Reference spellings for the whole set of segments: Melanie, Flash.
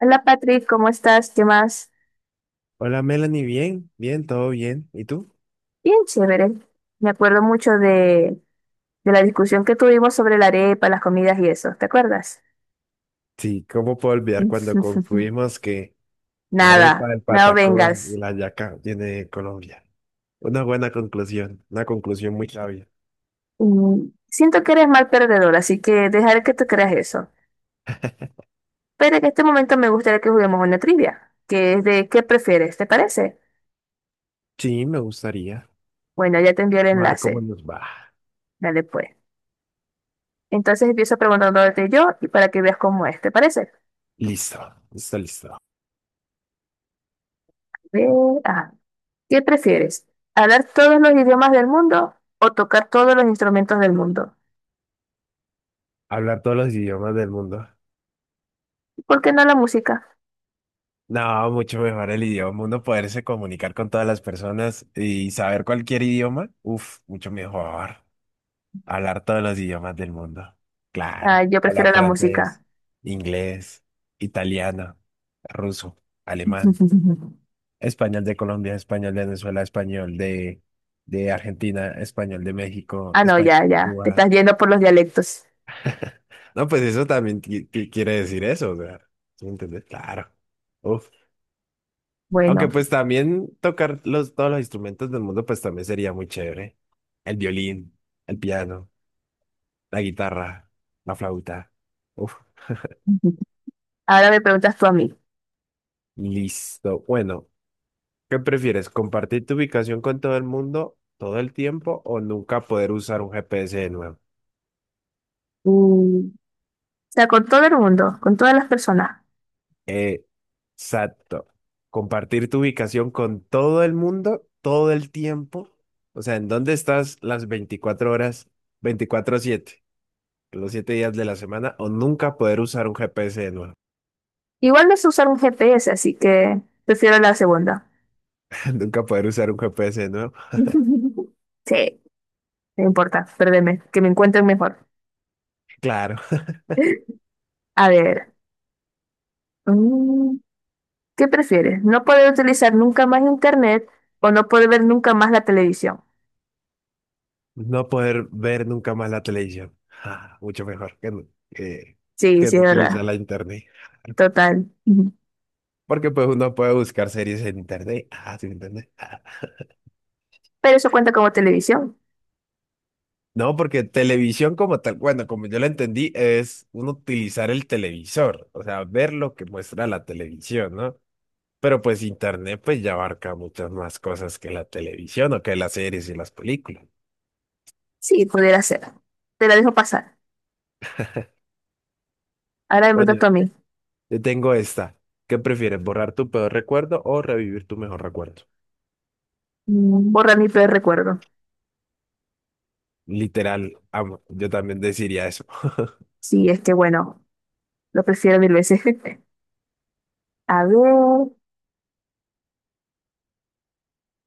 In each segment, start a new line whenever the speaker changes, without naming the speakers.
Hola Patrick, ¿cómo estás? ¿Qué más?
Hola Melanie, bien, bien, todo bien. ¿Y tú?
Bien chévere. Me acuerdo de la discusión que tuvimos sobre la arepa, las comidas y eso, ¿te acuerdas?
Sí, ¿cómo puedo olvidar cuando concluimos que la arepa,
Nada,
el
no
patacón y
vengas.
la yaca viene de Colombia? Una buena conclusión, una conclusión muy sabia.
Siento que eres mal perdedor, así que dejaré que tú creas eso. Pero en este momento me gustaría que juguemos una trivia, que es de ¿qué prefieres? ¿Te parece?
Sí, me gustaría.
Bueno, ya te envié el
A ver cómo
enlace.
nos va.
Dale pues. Entonces empiezo preguntándote yo y para que veas cómo es, ¿te parece?
Listo, listo, listo.
Ve, ajá. ¿Qué prefieres? ¿Hablar todos los idiomas del mundo o tocar todos los instrumentos del mundo?
Hablar todos los idiomas del mundo.
¿Por qué no la música?
No, mucho mejor el idioma. Uno poderse comunicar con todas las personas y saber cualquier idioma. Uf, mucho mejor. Hablar todos los idiomas del mundo.
Ah,
Claro.
yo prefiero
Hablar
la música.
francés, inglés, italiano, ruso, alemán, español de Colombia, español de Venezuela, español de Argentina, español de México,
Ah, no,
español
ya,
de
ya. Te
Cuba.
estás yendo por los dialectos.
No, pues eso también quiere decir eso, o sea, ¿sí me entiendes? Claro. Uf. Aunque
Bueno,
pues también tocar todos los instrumentos del mundo pues también sería muy chévere. El violín, el piano, la guitarra, la flauta. Uf.
ahora me preguntas tú a mí.
Listo. Bueno, ¿qué prefieres? ¿Compartir tu ubicación con todo el mundo todo el tiempo o nunca poder usar un GPS de nuevo?
O sea, con todo el mundo, con todas las personas.
Exacto. Compartir tu ubicación con todo el mundo todo el tiempo. O sea, ¿en dónde estás las 24 horas, 24/7, los 7 días de la semana? O nunca poder usar un GPS de nuevo.
Igual no sé usar un GPS, así que prefiero la segunda.
Nunca poder usar un GPS de nuevo.
Sí, no importa, perdeme, que me encuentren mejor.
Claro.
A ver. mm, ¿Qué prefieres? ¿No poder utilizar nunca más internet o no poder ver nunca más la televisión?
No poder ver nunca más la televisión. Ah, mucho mejor que, que,
Sí,
que
sí,
no
es
utilizar
verdad.
la internet.
Total. Ujú.
Porque pues uno puede buscar series en internet. Ah, sí, internet. Ah.
Pero eso cuenta como televisión.
No, porque televisión como tal, bueno, como yo la entendí, es uno utilizar el televisor, o sea, ver lo que muestra la televisión, ¿no? Pero pues internet pues ya abarca muchas más cosas que la televisión o que las series y las películas.
Sí, pudiera ser. Te la dejo pasar. Ahora me
Bueno,
preguntas tú a mí.
te tengo esta. ¿Qué prefieres, borrar tu peor recuerdo o revivir tu mejor recuerdo?
Borra mi peor recuerdo.
Literal, amo. Yo también deciría eso.
Sí, es que bueno, lo prefiero mil veces. A ver.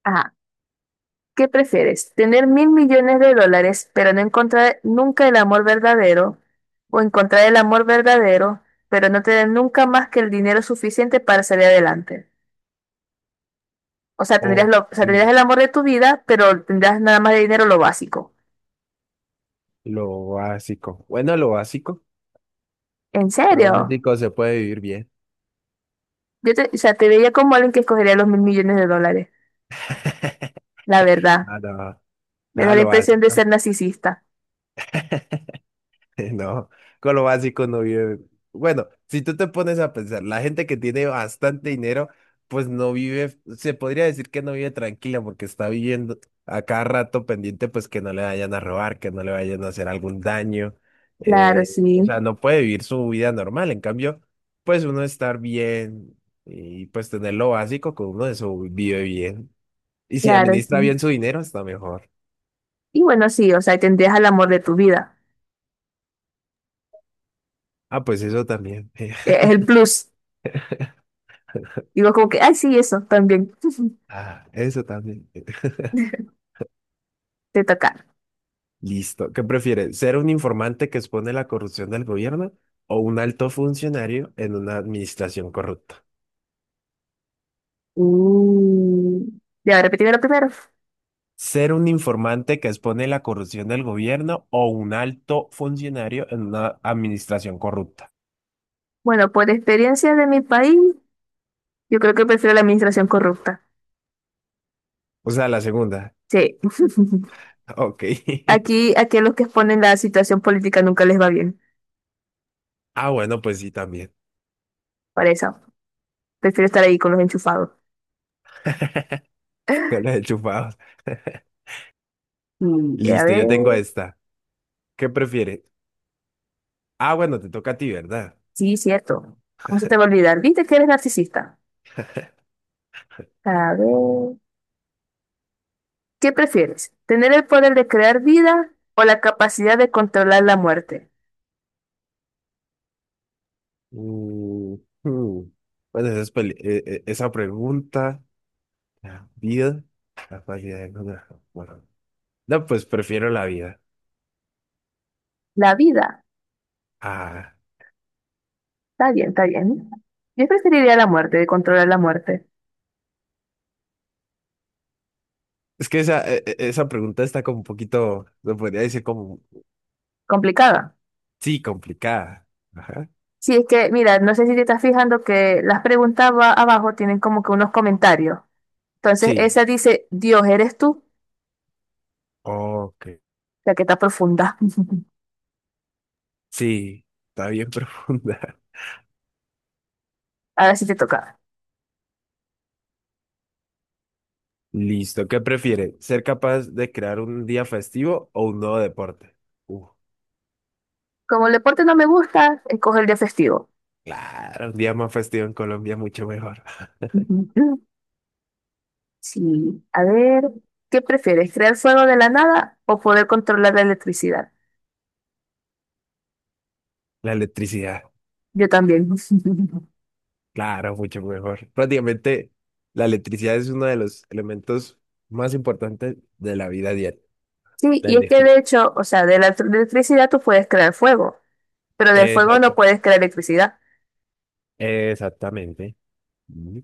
Ah, ¿qué prefieres? ¿Tener mil millones de dólares, pero no encontrar nunca el amor verdadero? ¿O encontrar el amor verdadero, pero no tener nunca más que el dinero suficiente para salir adelante? O sea,
Ok,
tendrías el amor de tu vida, pero tendrás nada más de dinero lo básico.
lo básico. Bueno, lo básico.
¿En
Lo
serio?
básico se puede vivir bien.
O sea, te veía como alguien que escogería los mil millones de dólares. La verdad.
Nada,
Me da
nada,
la
lo
impresión de
básico.
ser narcisista.
No, con lo básico no vive. Bueno, si tú te pones a pensar, la gente que tiene bastante dinero, pues no vive, se podría decir que no vive tranquila porque está viviendo a cada rato pendiente, pues que no le vayan a robar, que no le vayan a hacer algún daño.
Claro,
eh, o
sí.
sea, no puede vivir su vida normal. En cambio, pues uno estar bien y pues tener lo básico, con uno eso vive bien. Y si
Claro,
administra
sí.
bien su dinero, está mejor.
Y bueno, sí, o sea, tendrías el amor de tu vida.
Ah, pues eso también.
Es el plus. Digo como que, ay, sí, eso también.
Ah, eso también.
Te toca.
Listo. ¿Qué prefieres? ¿Ser un informante que expone la corrupción del gobierno o un alto funcionario en una administración corrupta?
Uh. Ya, repetirme lo primero.
¿Ser un informante que expone la corrupción del gobierno o un alto funcionario en una administración corrupta?
Bueno, por experiencia de mi país, yo creo que prefiero la administración corrupta.
O sea, la segunda.
Sí.
Ok.
Aquí a los que exponen la situación política nunca les va bien.
Ah, bueno, pues sí, también.
Para eso. Prefiero estar ahí con los enchufados.
Yo la he chupado.
A
Listo,
ver,
yo tengo esta. ¿Qué prefieres? Ah, bueno, te toca a ti, ¿verdad?
sí, cierto. ¿Cómo se te va a olvidar? ¿Viste que eres narcisista? A ver, ¿qué prefieres? ¿Tener el poder de crear vida o la capacidad de controlar la muerte?
Mm, hmm. Bueno, esa, esa pregunta. La vida, la calidad de lograr. Bueno, no, pues prefiero la vida.
La vida.
Ah,
Está bien, está bien. Yo preferiría la muerte, de controlar la muerte.
es que esa, esa pregunta está como un poquito, se podría decir como,
Complicada.
sí, complicada. Ajá.
Sí, es que, mira, no sé si te estás fijando que las preguntas abajo tienen como que unos comentarios. Entonces,
Sí.
esa dice, Dios, ¿eres tú?
Ok.
La que está profunda.
Sí, está bien profunda.
Ahora sí te toca.
Listo, ¿qué prefiere? ¿Ser capaz de crear un día festivo o un nuevo deporte? Uh,
Como el deporte no me gusta, escoge el día festivo.
claro, un día más festivo en Colombia, mucho mejor.
Ujú. Sí, a ver, ¿qué prefieres? ¿Crear fuego de la nada o poder controlar la electricidad?
La electricidad.
Yo también.
Claro, mucho mejor. Prácticamente la electricidad es uno de los elementos más importantes de la vida diaria,
Sí,
la
y es que
energía.
de hecho, o sea, de electricidad tú puedes crear fuego, pero del fuego no
Exacto.
puedes crear electricidad.
Exactamente. Mm.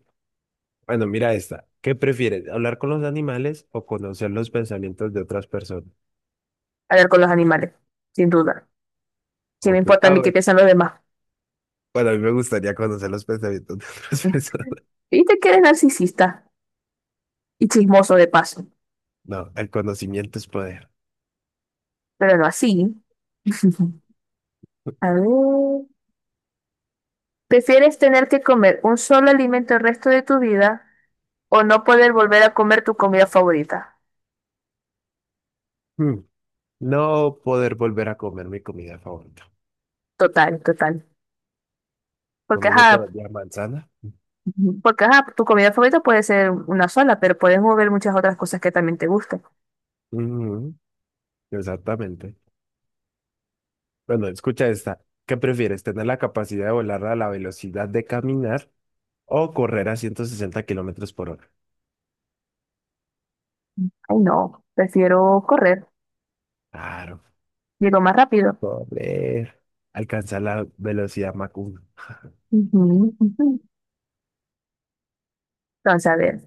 Bueno, mira esta. ¿Qué prefieres, hablar con los animales o conocer los pensamientos de otras personas?
A ver, con los animales, sin duda. ¿Qué me
Ok.
importa a
Ah,
mí qué
bueno.
piensan los demás?
Bueno, a mí me gustaría conocer los pensamientos de otras personas.
Y te quedes narcisista y chismoso de paso,
No, el conocimiento es poder.
pero no así. A ver. ¿Prefieres tener que comer un solo alimento el resto de tu vida o no poder volver a comer tu comida favorita?
Mm. No poder volver a comer mi comida favorita.
Total, total. Porque,
Comiendo todos los
ajá,
días manzana.
Ujú. Porque, ajá, tu comida favorita puede ser una sola, pero puedes mover muchas otras cosas que también te gusten.
Mm, exactamente. Bueno, escucha esta. ¿Qué prefieres, tener la capacidad de volar a la velocidad de caminar o correr a 160 kilómetros por hora?
Ay, no, prefiero correr,
Claro,
llego más rápido.
correr. Alcanzar la velocidad Mach 1.
Ujú, ujú. Entonces, a ver,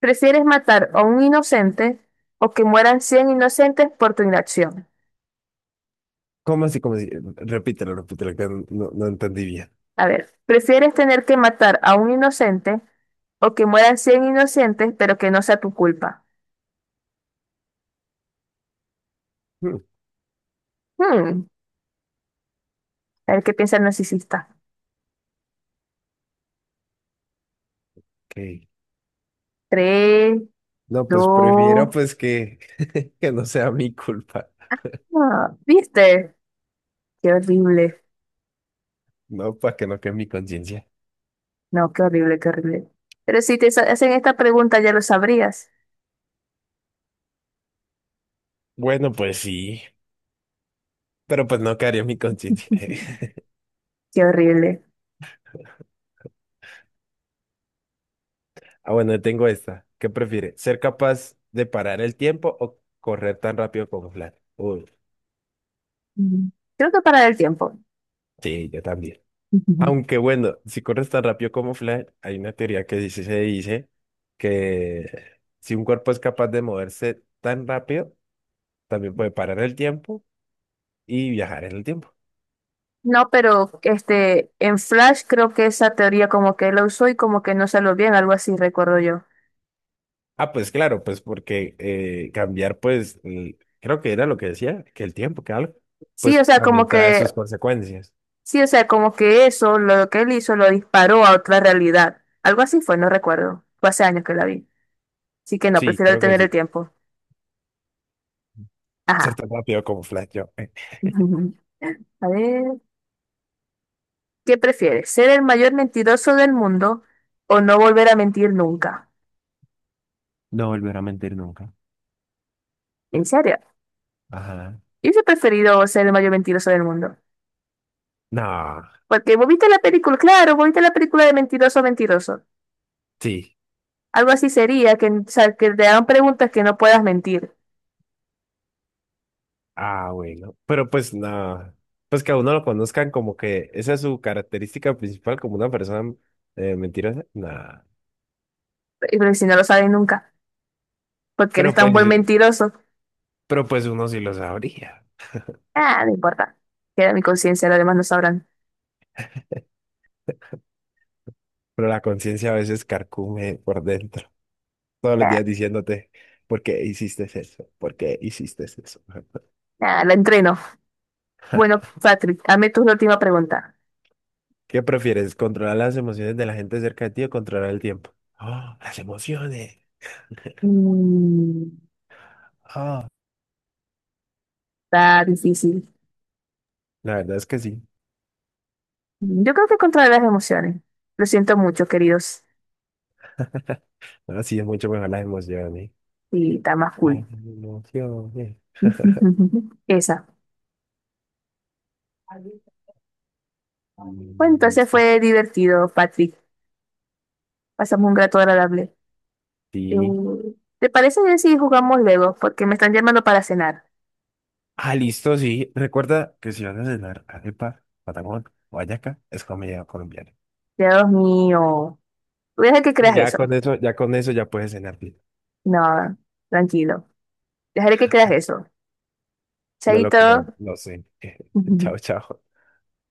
¿prefieres matar a un inocente o que mueran 100 inocentes por tu inacción?
¿Cómo así? ¿Cómo así? Repítelo, repítelo, que no, no entendí bien.
A ver, ¿prefieres tener que matar a un inocente o que mueran 100 inocentes, pero que no sea tu culpa?
Hmm.
Hmm, a ver qué piensa el narcisista.
Ok.
Tres,
No, pues prefiero
dos,
pues que, que no sea mi culpa.
ah, ¿viste? Qué horrible.
No, para que no quede mi conciencia.
No, qué horrible, qué horrible. Pero si te hacen esta pregunta ya lo sabrías.
Bueno, pues sí, pero pues no quedaría mi conciencia.
Qué horrible.
Ah, bueno, tengo esta. ¿Qué prefiere? ¿Ser capaz de parar el tiempo o correr tan rápido como Flash? Uy,
Mm. Creo que para el tiempo.
sí, yo también. Aunque bueno, si corres tan rápido como Flash, hay una teoría que dice, se dice que si un cuerpo es capaz de moverse tan rápido, también puede parar el tiempo y viajar en el tiempo.
No, pero este, en Flash creo que esa teoría como que la usó y como que no salió bien, algo así recuerdo yo.
Ah, pues claro, pues porque cambiar, pues, creo que era lo que decía, que el tiempo, que algo,
Sí, o
pues
sea, como
también trae
que
sus consecuencias.
Sí, o sea, como que eso, lo que él hizo, lo disparó a otra realidad. Algo así fue, no recuerdo. Fue hace años que la vi. Así que no,
Sí,
prefiero
creo que
detener el
sí.
tiempo.
Ser
Ajá.
tan rápido como Flash, yo.
A ver, ¿qué prefieres? ¿Ser el mayor mentiroso del mundo o no volver a mentir nunca?
No volver a mentir nunca.
¿En serio?
Ajá.
Yo hubiese preferido ser el mayor mentiroso del mundo.
No,
Porque vos viste la película, claro, vos viste la película de Mentiroso, Mentiroso.
sí.
Algo así sería, o sea, que te hagan preguntas que no puedas mentir.
Ah, bueno. Pero pues nada. Pues que a uno lo conozcan como que esa es su característica principal como una persona mentirosa. Nada.
Pero si no lo sabes nunca, porque eres
Pero
tan
pues,
buen mentiroso.
pero pues uno sí lo sabría.
Ah, no importa. Queda mi conciencia, los demás no sabrán.
Pero la conciencia a veces carcome por dentro. Todos los
Ah,
días diciéndote, ¿por qué hiciste eso? ¿Por qué hiciste eso?
la entreno. Bueno, Patrick, hazme tú la última pregunta.
¿Qué prefieres? ¿Controlar las emociones de la gente cerca de ti o controlar el tiempo? Ah, las emociones.
Mm,
Ah,
Está difícil.
la verdad es que sí.
Yo creo que contra las emociones. Lo siento mucho, queridos.
Ahora sí es mucho mejor las emociones.
Y está más cool.
Las emociones.
Esa. Bueno,
Mm,
entonces
listo.
fue divertido, Patrick. Pasamos un rato agradable. Eh,
Sí.
¿Te parece bien si jugamos luego? Porque me están llamando para cenar.
Ah, listo, sí. Recuerda que si vas a cenar arepa, patagón o hallaca, es comida colombiana.
Dios mío. Voy a dejar que
Y
creas
ya con
eso.
eso, ya con eso ya puedes cenar bien.
No, tranquilo. Dejaré que creas eso.
No lo creo,
Chaito.
no sé.
Ujú.
Chao, chao.